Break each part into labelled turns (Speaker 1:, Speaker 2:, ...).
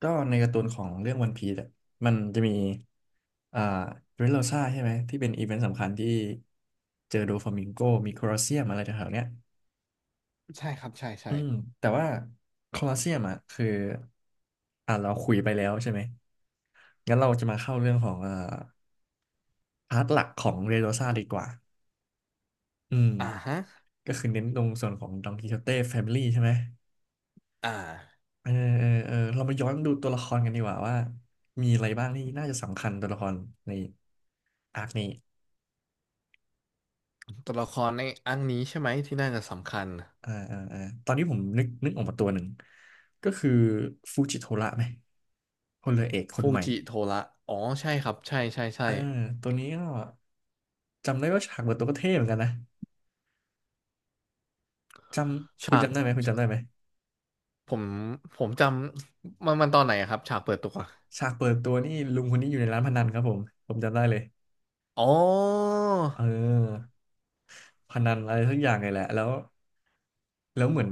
Speaker 1: ก็ในการ์ตูนของเรื่องวันพีซอะมันจะมีอ่าเดรสโรซ่าใช่ไหมที่เป็นอีเวนต์สำคัญที่เจอโดฟลามิงโกมีโคลอสเซียมอะไรแถวๆเนี้ย
Speaker 2: ใช่ครับใช่
Speaker 1: อื
Speaker 2: ใช่
Speaker 1: มแต่ว่าโคลอสเซียมอ่ะคือเราคุยไปแล้วใช่ไหมงั้นเราจะมาเข้าเรื่องของพาร์ทหลักของเดรสโรซ่าดีกว่าอืม
Speaker 2: อ่าฮะ
Speaker 1: ก็คือเน้นตรงส่วนของดองกิโชเต้แฟมิลี่ใช่ไหม
Speaker 2: อ่า
Speaker 1: เออเออเรามาย้อนดูตัวละครกันดีกว่าว่ามีอะไรบ้างที่น่าจะสำคัญตัวละครในอาร์คนี้
Speaker 2: ตัวละครในอันนี้ใช่ไหมที่น่าจะสำคัญ
Speaker 1: อ่าตอนนี้ผมนึกออกมาตัวหนึ่งก็คือฟูจิโทระไหมพลเรือเอกคน
Speaker 2: ฟู
Speaker 1: ใหม่
Speaker 2: จิโทระอ๋อใช่ครับใช่ใช่ใช่
Speaker 1: อ่าตัวนี้ก็จำได้ว่าฉากเปิดตัวก็เท่เหมือนกันนะจำคุณ
Speaker 2: ฉาก
Speaker 1: จำได้ไหมคุณจำได้
Speaker 2: ฉา
Speaker 1: ไหม
Speaker 2: กผมผมจำมันตอนไหนอะครับฉากเปิดตัว
Speaker 1: ฉากเปิดตัวนี่ลุงคนนี้อยู่ในร้านพนันครับผมผมจำได้เลย
Speaker 2: อ๋อ
Speaker 1: เออพนันอะไรสักอย่างเลยแหละแล้วเหมือน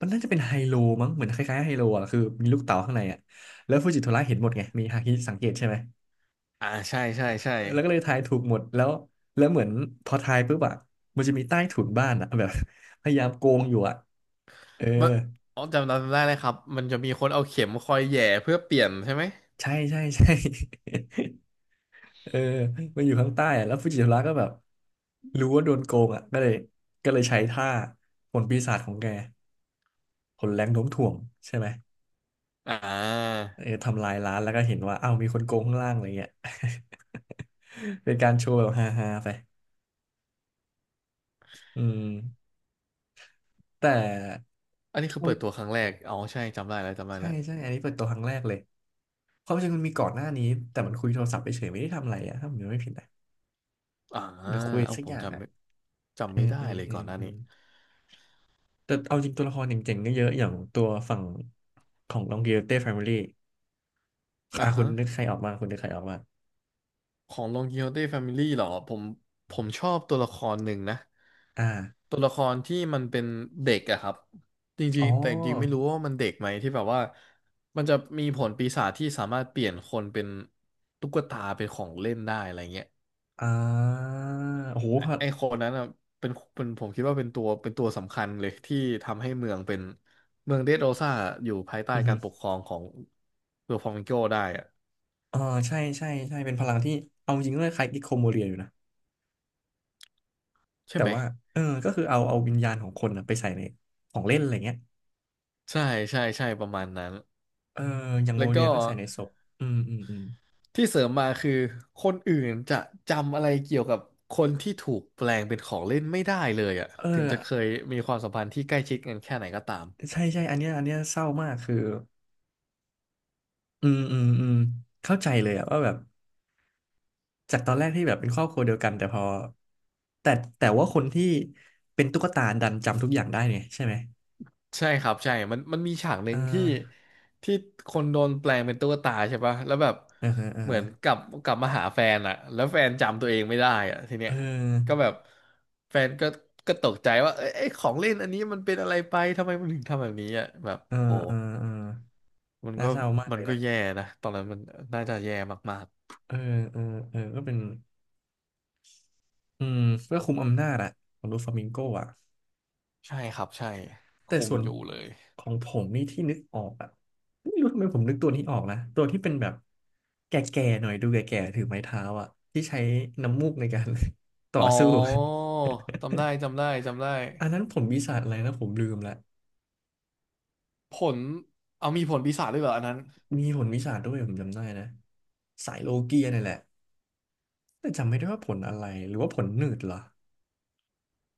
Speaker 1: มันน่าจะเป็นไฮโลมั้งเหมือนคล้ายๆไฮโลอ่ะคือมีลูกเต๋าข้างในอ่ะแล้วฟูจิโทระเห็นหมดไงมีฮาคิสังเกตใช่ไหม
Speaker 2: อ่าใช่ใช่ใช่
Speaker 1: แล้วก็เลยทายถูกหมดแล้วแล้วเหมือนพอทายปุ๊บอะมันจะมีใต้ถุนบ้านอะ แบบ พยายามโกงอยู่อะเออ
Speaker 2: เมื่ออ๋อจำได้เลยครับมันจะมีคนเอาเข็มคอยแหย่เพื่อเปลี่ยนใช่ไหม
Speaker 1: ใช่ใช่ใช่ เออมันอยู่ข้างใต้อะแล้วฟูจิโทระก็แบบรู้ว่าโดนโกงอะก็เลยใช้ท่าผลปีศาจของแกผลแรงโน้มถ่วงใช่ไหม
Speaker 2: อ่า
Speaker 1: เออทำลายร้านแล้วก็เห็นว่าอ้าวมีคนโกงข้างล่างอะไรเงี้ย เป็นการโชว์แบบฮาๆไปอืมแต่
Speaker 2: อันนี้คือเปิดตัวครั้งแรกอ๋อใช่จำได้แล้วจำได้
Speaker 1: ใช่
Speaker 2: แล้ว
Speaker 1: ใช่ อันนี้เปิดตัวครั้งแรกเลยความจริงมันมีก่อนหน้านี้ แต่มันคุยโทรศัพท์ไปเฉยไม่ได้ทำอะไรอะถ้าผมจำไม่ผิดนะ
Speaker 2: อ่า
Speaker 1: หรือคุย
Speaker 2: เอา
Speaker 1: สัก
Speaker 2: ผ
Speaker 1: อ
Speaker 2: ม
Speaker 1: ย่าง
Speaker 2: จำ
Speaker 1: อะ
Speaker 2: ไม่จำ
Speaker 1: เอื
Speaker 2: ไม่
Speaker 1: ม
Speaker 2: ได้
Speaker 1: อืม
Speaker 2: เลย
Speaker 1: อื
Speaker 2: ก่อ
Speaker 1: ม
Speaker 2: นหน้า
Speaker 1: อื
Speaker 2: นี้
Speaker 1: แต่เอาจริงตัวละครเจ๋งๆก็เยอะ อย่างตัวฝั่งของลองกิ i เต้แฟมิลี่
Speaker 2: อ่า
Speaker 1: อ่ะคุ
Speaker 2: ฮะ
Speaker 1: ณนึกใครออกมา คุณนึกใครออกมา
Speaker 2: ของลองกิโฮเต้แฟมิลี่เหรอผมผมชอบตัวละครหนึ่งนะ
Speaker 1: อ่า
Speaker 2: ตัวละครที่มันเป็นเด็กอะครับจ
Speaker 1: อ๋
Speaker 2: ริ
Speaker 1: อ
Speaker 2: งๆแต่จริงๆไม่รู้ว่ามันเด็กไหมที่แบบว่ามันจะมีผลปีศาจที่สามารถเปลี่ยนคนเป็นตุ๊กตาเป็นของเล่นได้อะไรเงี้ย
Speaker 1: อ่าโอ้โห
Speaker 2: ไอ้
Speaker 1: พอ
Speaker 2: ไอ้คนนั้นอะเป็นผมคิดว่าเป็นตัวสำคัญเลยที่ทำให้เมืองเป็นเมืองเดดโรซ่าอยู่ภายใต้
Speaker 1: อือ
Speaker 2: กา
Speaker 1: หื
Speaker 2: ร
Speaker 1: อ
Speaker 2: ปกครองของเวลฟองโกได้อะ
Speaker 1: อ่าใช่ใช่ใช่เป็นพลังที่เอาจริงก็คล้ายกิโคโมเรียอยู่นะ
Speaker 2: ใช่
Speaker 1: แต่
Speaker 2: ไหม
Speaker 1: ว่าเออก็คือเอาวิญญาณของคนนะไปใส่ในของเล่นอะไรเงี้ย
Speaker 2: ใช่ใช่ใช่ประมาณนั้น
Speaker 1: เอออย่างโม
Speaker 2: แล้ว
Speaker 1: เรีย
Speaker 2: ก็
Speaker 1: ก็ใส่ในศพอืม
Speaker 2: ที่เสริมมาคือคนอื่นจะจำอะไรเกี่ยวกับคนที่ถูกแปลงเป็นของเล่นไม่ได้เลยอ่ะ
Speaker 1: เออ
Speaker 2: ถึงจะเคยมีความสัมพันธ์ที่ใกล้ชิดกันแค่ไหนก็ตาม
Speaker 1: ใช่ใช่อันเนี้ยเศร้ามากคืออืมเข้าใจเลยอะว่าแบบจากตอนแรกที่แบบเป็นครอบครัวเดียวกันแต่พอแต่แต่ว่าคนที่เป็นตุ๊กตาดันจำทุกอย่างได้เนี่ยใช่ไหม
Speaker 2: ใช่ครับใช่มันมีฉากห
Speaker 1: เอ
Speaker 2: นึ่
Speaker 1: อ
Speaker 2: งที่ที่คนโดนแปลงเป็นตุ๊กตาใช่ปะแล้วแบบ
Speaker 1: เออเออ
Speaker 2: เหมือนกลับมาหาแฟนอ่ะแล้วแฟนจำตัวเองไม่ได้อ่ะทีเนี้
Speaker 1: เอ
Speaker 2: ยก็
Speaker 1: อ
Speaker 2: แบบแฟนก็ตกใจว่าเอ้ยไอ้ของเล่นอันนี้มันเป็นอะไรไป ทำไมมันถึงทำแบบนี้อ่ะแบบ
Speaker 1: เออ
Speaker 2: โห
Speaker 1: เออเออ
Speaker 2: มัน
Speaker 1: น่า
Speaker 2: ก็
Speaker 1: เศร้ามาก
Speaker 2: มั
Speaker 1: เล
Speaker 2: น
Speaker 1: ย
Speaker 2: ก็
Speaker 1: นะ
Speaker 2: แย่นะตอนนั้นมันน่าจะแย่มาก
Speaker 1: เออเออเออก็เป็นอืมเพื่อคุมอำนาจอะของลูฟลามิงโกอะ
Speaker 2: ๆใช่ครับใช่
Speaker 1: แต่
Speaker 2: คุม
Speaker 1: ส่วน
Speaker 2: อยู่เลย
Speaker 1: ของผมนี่ที่นึกออกอะไม่รู้ทำไมผมนึกตัวนี้ออกนะตัวที่เป็นแบบแก่ๆหน่อยดูแก่ๆถือไม้เท้าอะที่ใช้น้ำมูกในการ ต่อ
Speaker 2: อ๋อ
Speaker 1: สู้อะ
Speaker 2: จำได้จำได้จำได้
Speaker 1: อันนั้นผมวิชาอะไรนะผมลืมละ
Speaker 2: ผลเอามีผลปีศาจด้วยเหรออันนั้น
Speaker 1: มีผลวิชาด้วยผมจำได้นะสายโลเกียนี่แหละแต่จำไม่ได้ว่าผลอะไรหรือว่าผลหนืดเหรอ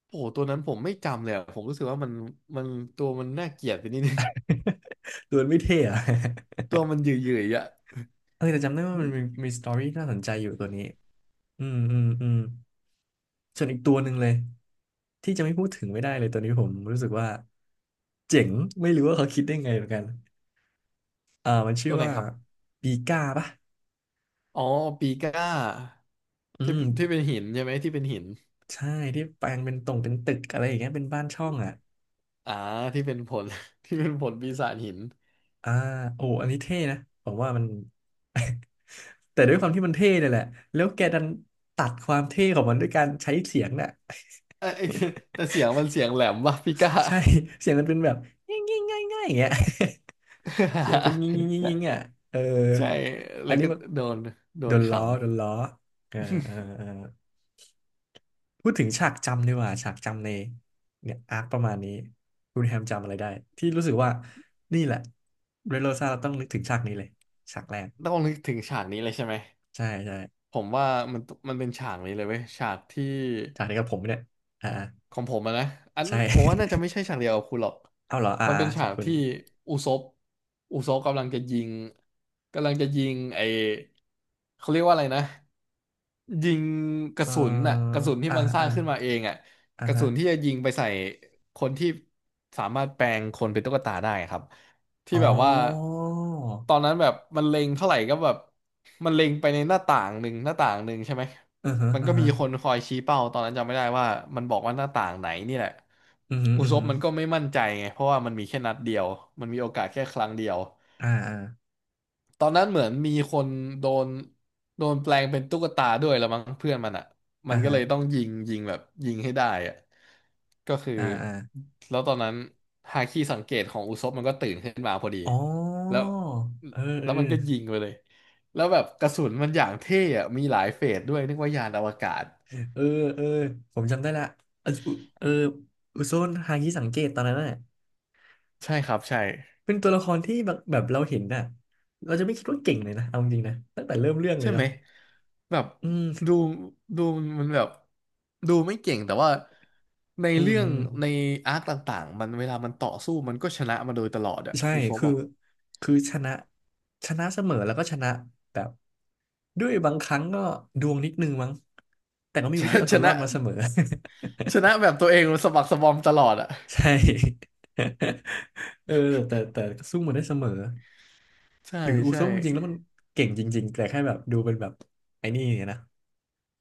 Speaker 2: โอ้โหตัวนั้นผมไม่จำเลยอะผมรู้สึกว่ามันตัวมันน่าเกลียดไปนิดนึง
Speaker 1: ตัวมันไม่เท่อะ
Speaker 2: ตัวมันหยื่อยๆอ่ะ
Speaker 1: เออแต่จำได้ว่า
Speaker 2: อุ๊
Speaker 1: มั
Speaker 2: ย
Speaker 1: นมีสตอรี่น่าสนใจอยู่ตัวนี้อืม ส่วนอีกตัวหนึ่งเลยที่จะไม่พูดถึงไม่ได้เลยตัวนี้ผมรู้สึกว่าเจ๋งไม่รู้ว่าเขาคิดได้ไงเหมือนกันมันชื่
Speaker 2: ตั
Speaker 1: อ
Speaker 2: วไหน
Speaker 1: ว่า
Speaker 2: ครับ
Speaker 1: ปีก้าปะ
Speaker 2: อ๋อปีก้า
Speaker 1: อื
Speaker 2: ที่
Speaker 1: ม
Speaker 2: ที่เป็นหินใช่ไหมที่เป็นหิน
Speaker 1: ใช่ที่แปลงเป็นตรงเป็นตึกอะไรอย่างเงี้ยเป็นบ้านช่องอ่ะ
Speaker 2: อ่าที่เป็นผล ที่เป็นผลปีศาจหิน
Speaker 1: อ่าโอ้อันนี้เท่นะผมว่ามัน แต่ด้วยความที่มันเท่เนี่ยแหละแล้วแกดันตัดความเท่ของมันด้วยการใช้เสียงน่ะ
Speaker 2: เอ้ย แต่เสียงมันเสียงแหลมว่ะปีก้า
Speaker 1: ใช่ เสียงมันเป็นแบบง่ายง่ายง่ายง่ายอย่างเงี้ย เสียงเป็นงิ่งงิ่งงิ่งงิ่ง
Speaker 2: ใช่
Speaker 1: อ่ะเออ
Speaker 2: ใช่
Speaker 1: อั
Speaker 2: แล้
Speaker 1: น
Speaker 2: ว
Speaker 1: นี้
Speaker 2: ก็
Speaker 1: มัน
Speaker 2: โดนโด
Speaker 1: โด
Speaker 2: น
Speaker 1: นล้
Speaker 2: ขำ
Speaker 1: อโดนล้อเออพูดถึงฉากจำดีกว่าฉากจำในเนี่ยอาร์คประมาณนี้คุณแฮมจำอะไรได้ที่รู้สึกว่านี่แหละเรโรซาเราต้องนึกถึงฉากนี้เลยฉากแรก
Speaker 2: ต้องนึกถึงฉากนี้เลยใช่ไหม
Speaker 1: ใช่ใช่
Speaker 2: ผมว่ามันมันเป็นฉากนี้เลยเว้ยฉากที่
Speaker 1: ฉากนี้กับผมเนี่ยอ่าอ่า
Speaker 2: ของผมอะนะอัน
Speaker 1: ใช่
Speaker 2: ผมว่าน่าจะ ไม่ใช่ฉากเดียวกับคุณหรอก
Speaker 1: เอาเหรออ่า
Speaker 2: มันเป็
Speaker 1: อ่า
Speaker 2: นฉา
Speaker 1: ฉาก
Speaker 2: ก
Speaker 1: คุณ
Speaker 2: ที่อุซบอุซบกำลังจะยิงกำลังจะยิงไอเขาเรียกว่าอะไรนะยิงกระ
Speaker 1: เออ
Speaker 2: สุนน่ะกระสุนที่
Speaker 1: อ่า
Speaker 2: มันสร้า
Speaker 1: อ่า
Speaker 2: งขึ้นมาเองอ่ะ
Speaker 1: อ่า
Speaker 2: กระ
Speaker 1: ฮะ
Speaker 2: สุนที่จะยิงไปใส่คนที่สามารถแปลงคนเป็นตุ๊กตาได้ครับที่
Speaker 1: อ๋อ
Speaker 2: แบบว่าตอนนั้นแบบมันเล็งเท่าไหร่ก็แบบมันเล็งไปในหน้าต่างหนึ่งหน้าต่างหนึ่งใช่ไหม
Speaker 1: อือฮะ
Speaker 2: มัน
Speaker 1: อื
Speaker 2: ก็
Speaker 1: อ
Speaker 2: มี
Speaker 1: ฮะ
Speaker 2: คนคอยชี้เป้าตอนนั้นจำไม่ได้ว่ามันบอกว่าหน้าต่างไหนนี่แหละ
Speaker 1: อือฮึ
Speaker 2: อุ
Speaker 1: อือ
Speaker 2: ซ
Speaker 1: ฮึ
Speaker 2: บมันก็ไม่มั่นใจไงเพราะว่ามันมีแค่นัดเดียว มันมีโอกาสแค่ครั้งเดียว
Speaker 1: อ่า
Speaker 2: ตอนนั้นเหมือนมีคนโดนโดนแปลงเป็นตุ๊กตาด้วยละมั้งเพื่อนมันอ่ะมั
Speaker 1: อ่า
Speaker 2: นก็
Speaker 1: ฮะ
Speaker 2: เลยต้องยิงยิงแบบยิงให้ได้อ่ะก็คือ
Speaker 1: อ่า
Speaker 2: แล้วตอนนั้นฮาคิสังเกตของอุซบมันก็ตื่นขึ้นมาพอดี
Speaker 1: อ๋อ
Speaker 2: แล้ว
Speaker 1: เอ
Speaker 2: แล้วมันก็
Speaker 1: อ
Speaker 2: ยิงไปเลยแล้วแบบกระสุนมันอย่างเท่อะมีหลายเฟสด้วยนึกว่ายานอวกาศ
Speaker 1: เออเออเออผมจำได้ละเอะอุเอออุโซนฮางิสังเกตตอนนั้นน่ะ
Speaker 2: ใช่ครับใช่
Speaker 1: เป็นตัวละครที่แบบเราเห็นน่ะเราจะไม่คิดว่าเก่งเลยนะเอาจริงๆนะ ตั้งแต่เริ่มเรื่องเล
Speaker 2: ใช่
Speaker 1: ย
Speaker 2: ไหม
Speaker 1: เนาะ
Speaker 2: แบบ
Speaker 1: อืม
Speaker 2: ดูดูมันแบบดูไม่เก่งแต่ว่าใน
Speaker 1: อืม
Speaker 2: เรื่อง
Speaker 1: อืม
Speaker 2: ในอาร์คต่างๆมันเวลามันต่อสู้มันก็ชนะมาโดยตลอดอะ
Speaker 1: ใช่
Speaker 2: อุซบ
Speaker 1: คือ
Speaker 2: อะ
Speaker 1: ชนะชนะเสมอแล้วก็ชนะแบบ ด้วยบางครั้งก็ดวงนิดนึงมั้งแต่ก็มี
Speaker 2: ช
Speaker 1: วิธี
Speaker 2: นะ
Speaker 1: เอา
Speaker 2: ช
Speaker 1: ตัวรอ
Speaker 2: นะ
Speaker 1: ดมาเสมอ
Speaker 2: ชนะแบบตัวเองสะบักสะบอมตลอดอะ
Speaker 1: ใช่ เออแต่ก็สู้มาได้เสมอ
Speaker 2: ใช่
Speaker 1: หรืออุซ
Speaker 2: ใช่
Speaker 1: บจริงๆแล้วมันเก่งจริงๆ แต่แค่แบบดูเป็นแบบไอ้นี่เนี่ยนะ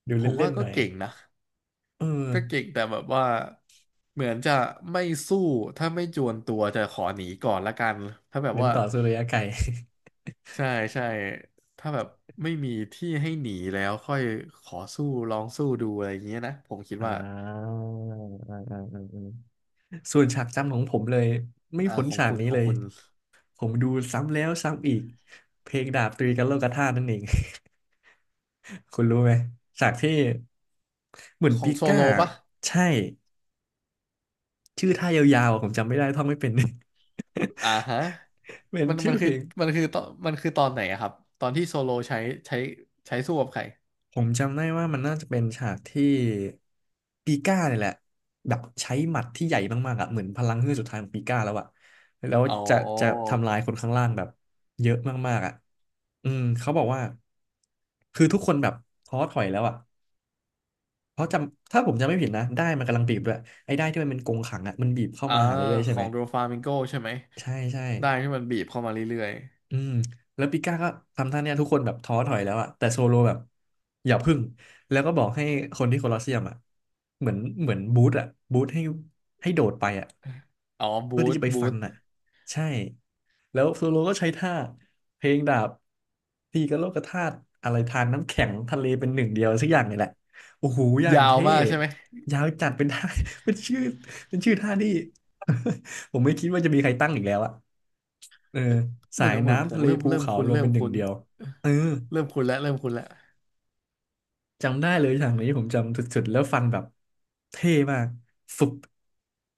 Speaker 1: ดู
Speaker 2: ผม
Speaker 1: เล่
Speaker 2: ว่า
Speaker 1: นๆห
Speaker 2: ก็
Speaker 1: น่อย
Speaker 2: เก่งนะ
Speaker 1: เออ
Speaker 2: ก็เก่งแต่แบบว่าเหมือนจะไม่สู้ถ้าไม่จวนตัวจะขอหนีก่อนละกันถ้าแบบ
Speaker 1: เน้น
Speaker 2: ว่า
Speaker 1: ต่อสู้ระยะไกล
Speaker 2: ใช่ใช่ถ้าแบบไม่มีที่ให้หนีแล้วค่อยขอสู้ลองสู้ดูอะไรอย่างเงี้ยนะผมคิด
Speaker 1: อ่
Speaker 2: ว่า
Speaker 1: าอ่าอ่าอ่าอ่าส่วนฉากจำของผมเลยไม่พ้น
Speaker 2: ของ
Speaker 1: ฉาก
Speaker 2: คุณ
Speaker 1: นี้
Speaker 2: ขอ
Speaker 1: เล
Speaker 2: ง
Speaker 1: ย
Speaker 2: คุณ
Speaker 1: ผมดูซ้ำแล้วซ้ำอีกเพลงดาบตีกันโลกธาตุนั่นเอง คุณรู้ไหมฉากที่เหมือน
Speaker 2: ขอ
Speaker 1: ปิ
Speaker 2: งโซ
Speaker 1: ก้า
Speaker 2: โลปะ
Speaker 1: ใช่ชื่อท่ายาวๆอะผมจำไม่ได้ท่องไม่เป็น
Speaker 2: อ่าฮะ
Speaker 1: เป็น
Speaker 2: มัน
Speaker 1: ชื่
Speaker 2: มัน
Speaker 1: อเพ
Speaker 2: คือ
Speaker 1: ลง
Speaker 2: มันคือตอนมันคือตอนไหนอะครับตอนที่โซโลใช้ใช้ใช้สู้กับใคร
Speaker 1: ผมจำได้ว่ามันน่าจะเป็นฉากที่ปีก้าเนี่ยแหละแบบใช้หมัดที่ใหญ่มากๆอ่ะเหมือนพลังเฮือกสุดท้ายของปีก้าแล้วอ่ะแล้ว
Speaker 2: อ๋อ
Speaker 1: จะจะทำลายคนข้างล่างแบบเยอะมากๆอ่ะอืมเขาบอกว่าคือทุกคนแบบท้อถอยแล้วอ่ะ เพราะจำถ้าผมจำไม่ผิดนะได้มันกำลังบีบด้วยไอ้ได้ที่มันเป็นกรงขังอ่ะมันบีบเข้า
Speaker 2: อ่า
Speaker 1: มาหาเรื่อยๆ
Speaker 2: ข
Speaker 1: ใช่
Speaker 2: อ
Speaker 1: ไหม
Speaker 2: งโดฟามิงโกใช่ไหม
Speaker 1: ใช่ใช่
Speaker 2: ได้ที่มันบีบเข้ามาเรื่อย
Speaker 1: อืมแล้วปิก้าก็ทำท่าเนี้ยทุกคนแบบท้อถอยแล้วอะแต่โซโลแบบอย่าพึ่งแล้วก็บอกให้คนที่โคลอสเซียมอะเหมือนเหมือนบูธอะบูธให้โดดไปอะ
Speaker 2: ๆอ๋อบู
Speaker 1: เพื่อที่
Speaker 2: ท
Speaker 1: จะไป
Speaker 2: บู
Speaker 1: ฟัน
Speaker 2: ท
Speaker 1: อะใช่แล้วโซโลก็ใช้ท่าเพลงดาบตีกับโลกธาตุอะไรทานน้ำแข็งทะเลเป็นหนึ่งเดียวสักอย่างนี่แหละโอ้โหอย่าง
Speaker 2: ยาว
Speaker 1: เท่
Speaker 2: มากใช่ไหม
Speaker 1: ยาวจัดเป็นท่า เป็นชื่อเป็นชื่อท่าที่ ผมไม่คิดว่าจะมีใครตั้งอีกแล้วอะ เออ
Speaker 2: เห
Speaker 1: สา
Speaker 2: มือน
Speaker 1: ย
Speaker 2: เหมือนผ
Speaker 1: น้ำ
Speaker 2: ม
Speaker 1: ทะเล
Speaker 2: เริ่ม
Speaker 1: ภู
Speaker 2: เริ่ม
Speaker 1: เขา
Speaker 2: คุ้น
Speaker 1: รวม
Speaker 2: เริ่
Speaker 1: เป็
Speaker 2: ม
Speaker 1: นหนึ่ง
Speaker 2: คุ้น
Speaker 1: เดียวเออ
Speaker 2: เริ่มคุ้นแล้ว
Speaker 1: จำได้เลยฉากนี้ผมจำสุดๆแล้วฟันแบบเท่มากฟุบ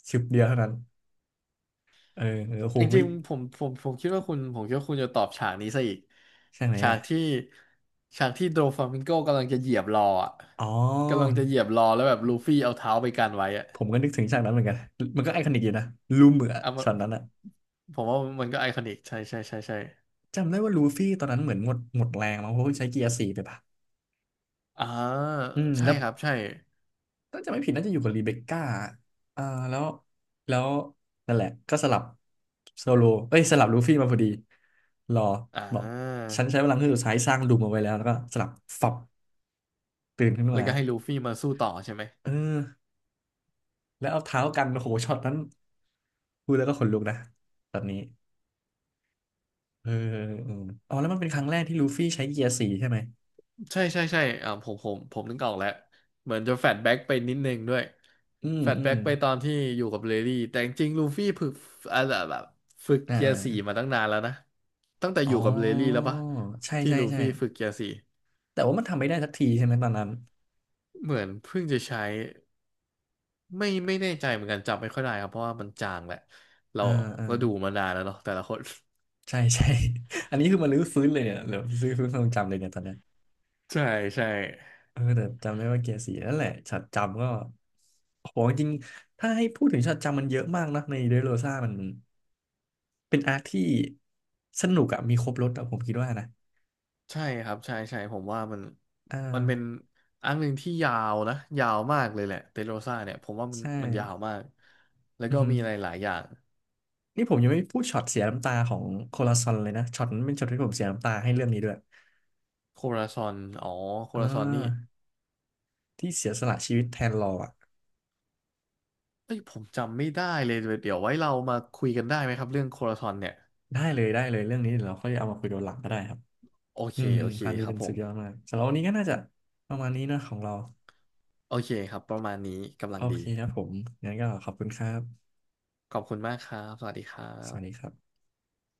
Speaker 1: ชึบเดียวเท่านั้นเออเออโอ้โห
Speaker 2: จ
Speaker 1: มิ
Speaker 2: ริงๆผมคิดว่าคุณผมคิดว่าคุณจะตอบฉากนี้ซะอีก
Speaker 1: ฉากไหน
Speaker 2: ฉา
Speaker 1: อ่ะ
Speaker 2: กที่ฉากที่โดฟลามิงโกกำลังจะเหยียบรออ่ะ
Speaker 1: อ๋อ
Speaker 2: กำลังจะเหยียบรอแล้วแบบลูฟี่เอาเท้าไปกันไว้อ่ะ
Speaker 1: ผมก็นึกถึงฉากนั้นเหมือนกันมันก็ไอคอนิกอยู่นะลูเหมือ
Speaker 2: เอามา
Speaker 1: ช็อตนั้นอ่ะ
Speaker 2: ผมว่ามันก็ไอคอนิกใช่ใช่ใช่ใช่
Speaker 1: จำได้ว่าลูฟี่ตอนนั้นเหมือนหมดแรงมั้งเพราะว่าใช้เกียร์สี่ไปปะ
Speaker 2: อ่า
Speaker 1: อืม
Speaker 2: ใช่
Speaker 1: แล้ว
Speaker 2: ครับใช่
Speaker 1: ถ้าจะไม่ผิดน่าจะอยู่กับรีเบคก้าอ่าแล้วแล้วนั่นแหละก็สลับโซโลเอ้ยสลับลูฟี่มาพอดี รอ
Speaker 2: อ่
Speaker 1: บอก
Speaker 2: า
Speaker 1: ฉันใช้พลังเครื่องสุดท้ายสร้างดูมเอาไว้แล้วแล้วก็สลับฝับตื่นขึ้น
Speaker 2: แล้ว
Speaker 1: มา
Speaker 2: ก็ให้ลูฟี่มาสู้ต่อใช่ไหม
Speaker 1: เออแล้วเอาเท้ากันโอ้โหช็อตนั้นพูดแล้วก็ขนลุกนะแบบนี้เออเอออ๋อแล้วมันเป็นครั้งแรกที่ลูฟี่ใช้เกียร์สี่ใช่ไหม
Speaker 2: ใช่ใช่ใช่ผมนึกออกแล้วเหมือนจะแฟดแบ็กไปนิดนึงด้วย
Speaker 1: อืม
Speaker 2: แฟด
Speaker 1: อื
Speaker 2: แบ็
Speaker 1: ม
Speaker 2: กไปตอนที่อยู่กับเลดี้แต่จริงๆลูฟี่ฝึกอ่าแบบฝึก
Speaker 1: อ่า
Speaker 2: เกีย
Speaker 1: อา
Speaker 2: ร์สี่มาตั้งนานแล้วนะตั้งแต่อ
Speaker 1: อ๋
Speaker 2: ยู่กับเลดี้แล้ว
Speaker 1: อ
Speaker 2: ปะ
Speaker 1: ใช่
Speaker 2: ที่
Speaker 1: ใช่
Speaker 2: ลู
Speaker 1: ใช่
Speaker 2: ฟี่ฝึกเกียร์สี่
Speaker 1: แต่ว่ามันทำไม่ได้สักทีใช่ไหมตอนนั้น
Speaker 2: เหมือนเพิ่งจะใช้ไม่แน่ใจเหมือนกันจำไม่ค่อยได้ครับเพราะว่ามันจางแหละเรา
Speaker 1: อ่าอ่า
Speaker 2: ก็ดูมานานแล้วเนาะแต่ละคน
Speaker 1: ใช่ ใช่ อันนี้คือมันรื้อฟื้นเลยเนี่ยหรือรื้อฟื้นความทรงจำเลยเนี่ยตอนเนี้ย
Speaker 2: ใช่ใช่
Speaker 1: เออแต่จำได้ว่าเกียร์สี่นั่นแหละช็อตจำก็โอ้โหจริงๆถ้าให้พูดถึงช็อตจำมันเยอะมากนะในเดโรซ่ามันเป็นอาร์คที่สนุกอะมีครบรสอะผมคิดว่านะ
Speaker 2: ใช่ครับใช่ใช่ผมว่ามัน
Speaker 1: อ่
Speaker 2: มันเป็น
Speaker 1: า
Speaker 2: อันหนึ่งที่ยาวนะยาวมากเลยแหละเตโรซ่าเนี่ยผมว่ามัน
Speaker 1: ใช่
Speaker 2: มันยาวมากแล้ว
Speaker 1: อือ
Speaker 2: ก็
Speaker 1: ฮึ
Speaker 2: มีอะไรหลายอย่าง
Speaker 1: นี่ผมยังไม่พูดช็อตเสียน้ำตาของโคลาซอนเลยนะช็อตนั้นเป็นช็อตที่ผมเสียน้ำตาให้เรื่องนี้ด้วย
Speaker 2: โคราซอนอ๋อโค
Speaker 1: อ่
Speaker 2: ราซอนนี่
Speaker 1: าที่เสียสละชีวิตแทนรออะ
Speaker 2: เอ้ยผมจำไม่ได้เลยเดี๋ยวไว้เรามาคุยกันได้ไหมครับเรื่องโคราซอนเนี่ย
Speaker 1: ได้เลยได้เลยเรื่องนี้เดี๋ยวเราค่อยเอามาคุยตอนหลังก็ได้ครับ
Speaker 2: โอเค
Speaker 1: อืมอื
Speaker 2: โอ
Speaker 1: ม
Speaker 2: เค
Speaker 1: อันนี้
Speaker 2: ครับ
Speaker 1: เป็น
Speaker 2: ผ
Speaker 1: สุดยอด
Speaker 2: ม
Speaker 1: มากสำหรับวันนี้ก็น่าจะประมาณนี้นะของเรา
Speaker 2: โอเคครับประมาณนี้กำ
Speaker 1: โอ
Speaker 2: ลัง
Speaker 1: เค
Speaker 2: ดี
Speaker 1: ครับผมงั้นก็ขอบคุณครับ
Speaker 2: ขอบคุณมากครับสวัสดีครั
Speaker 1: สวัสดี
Speaker 2: บ
Speaker 1: ครับ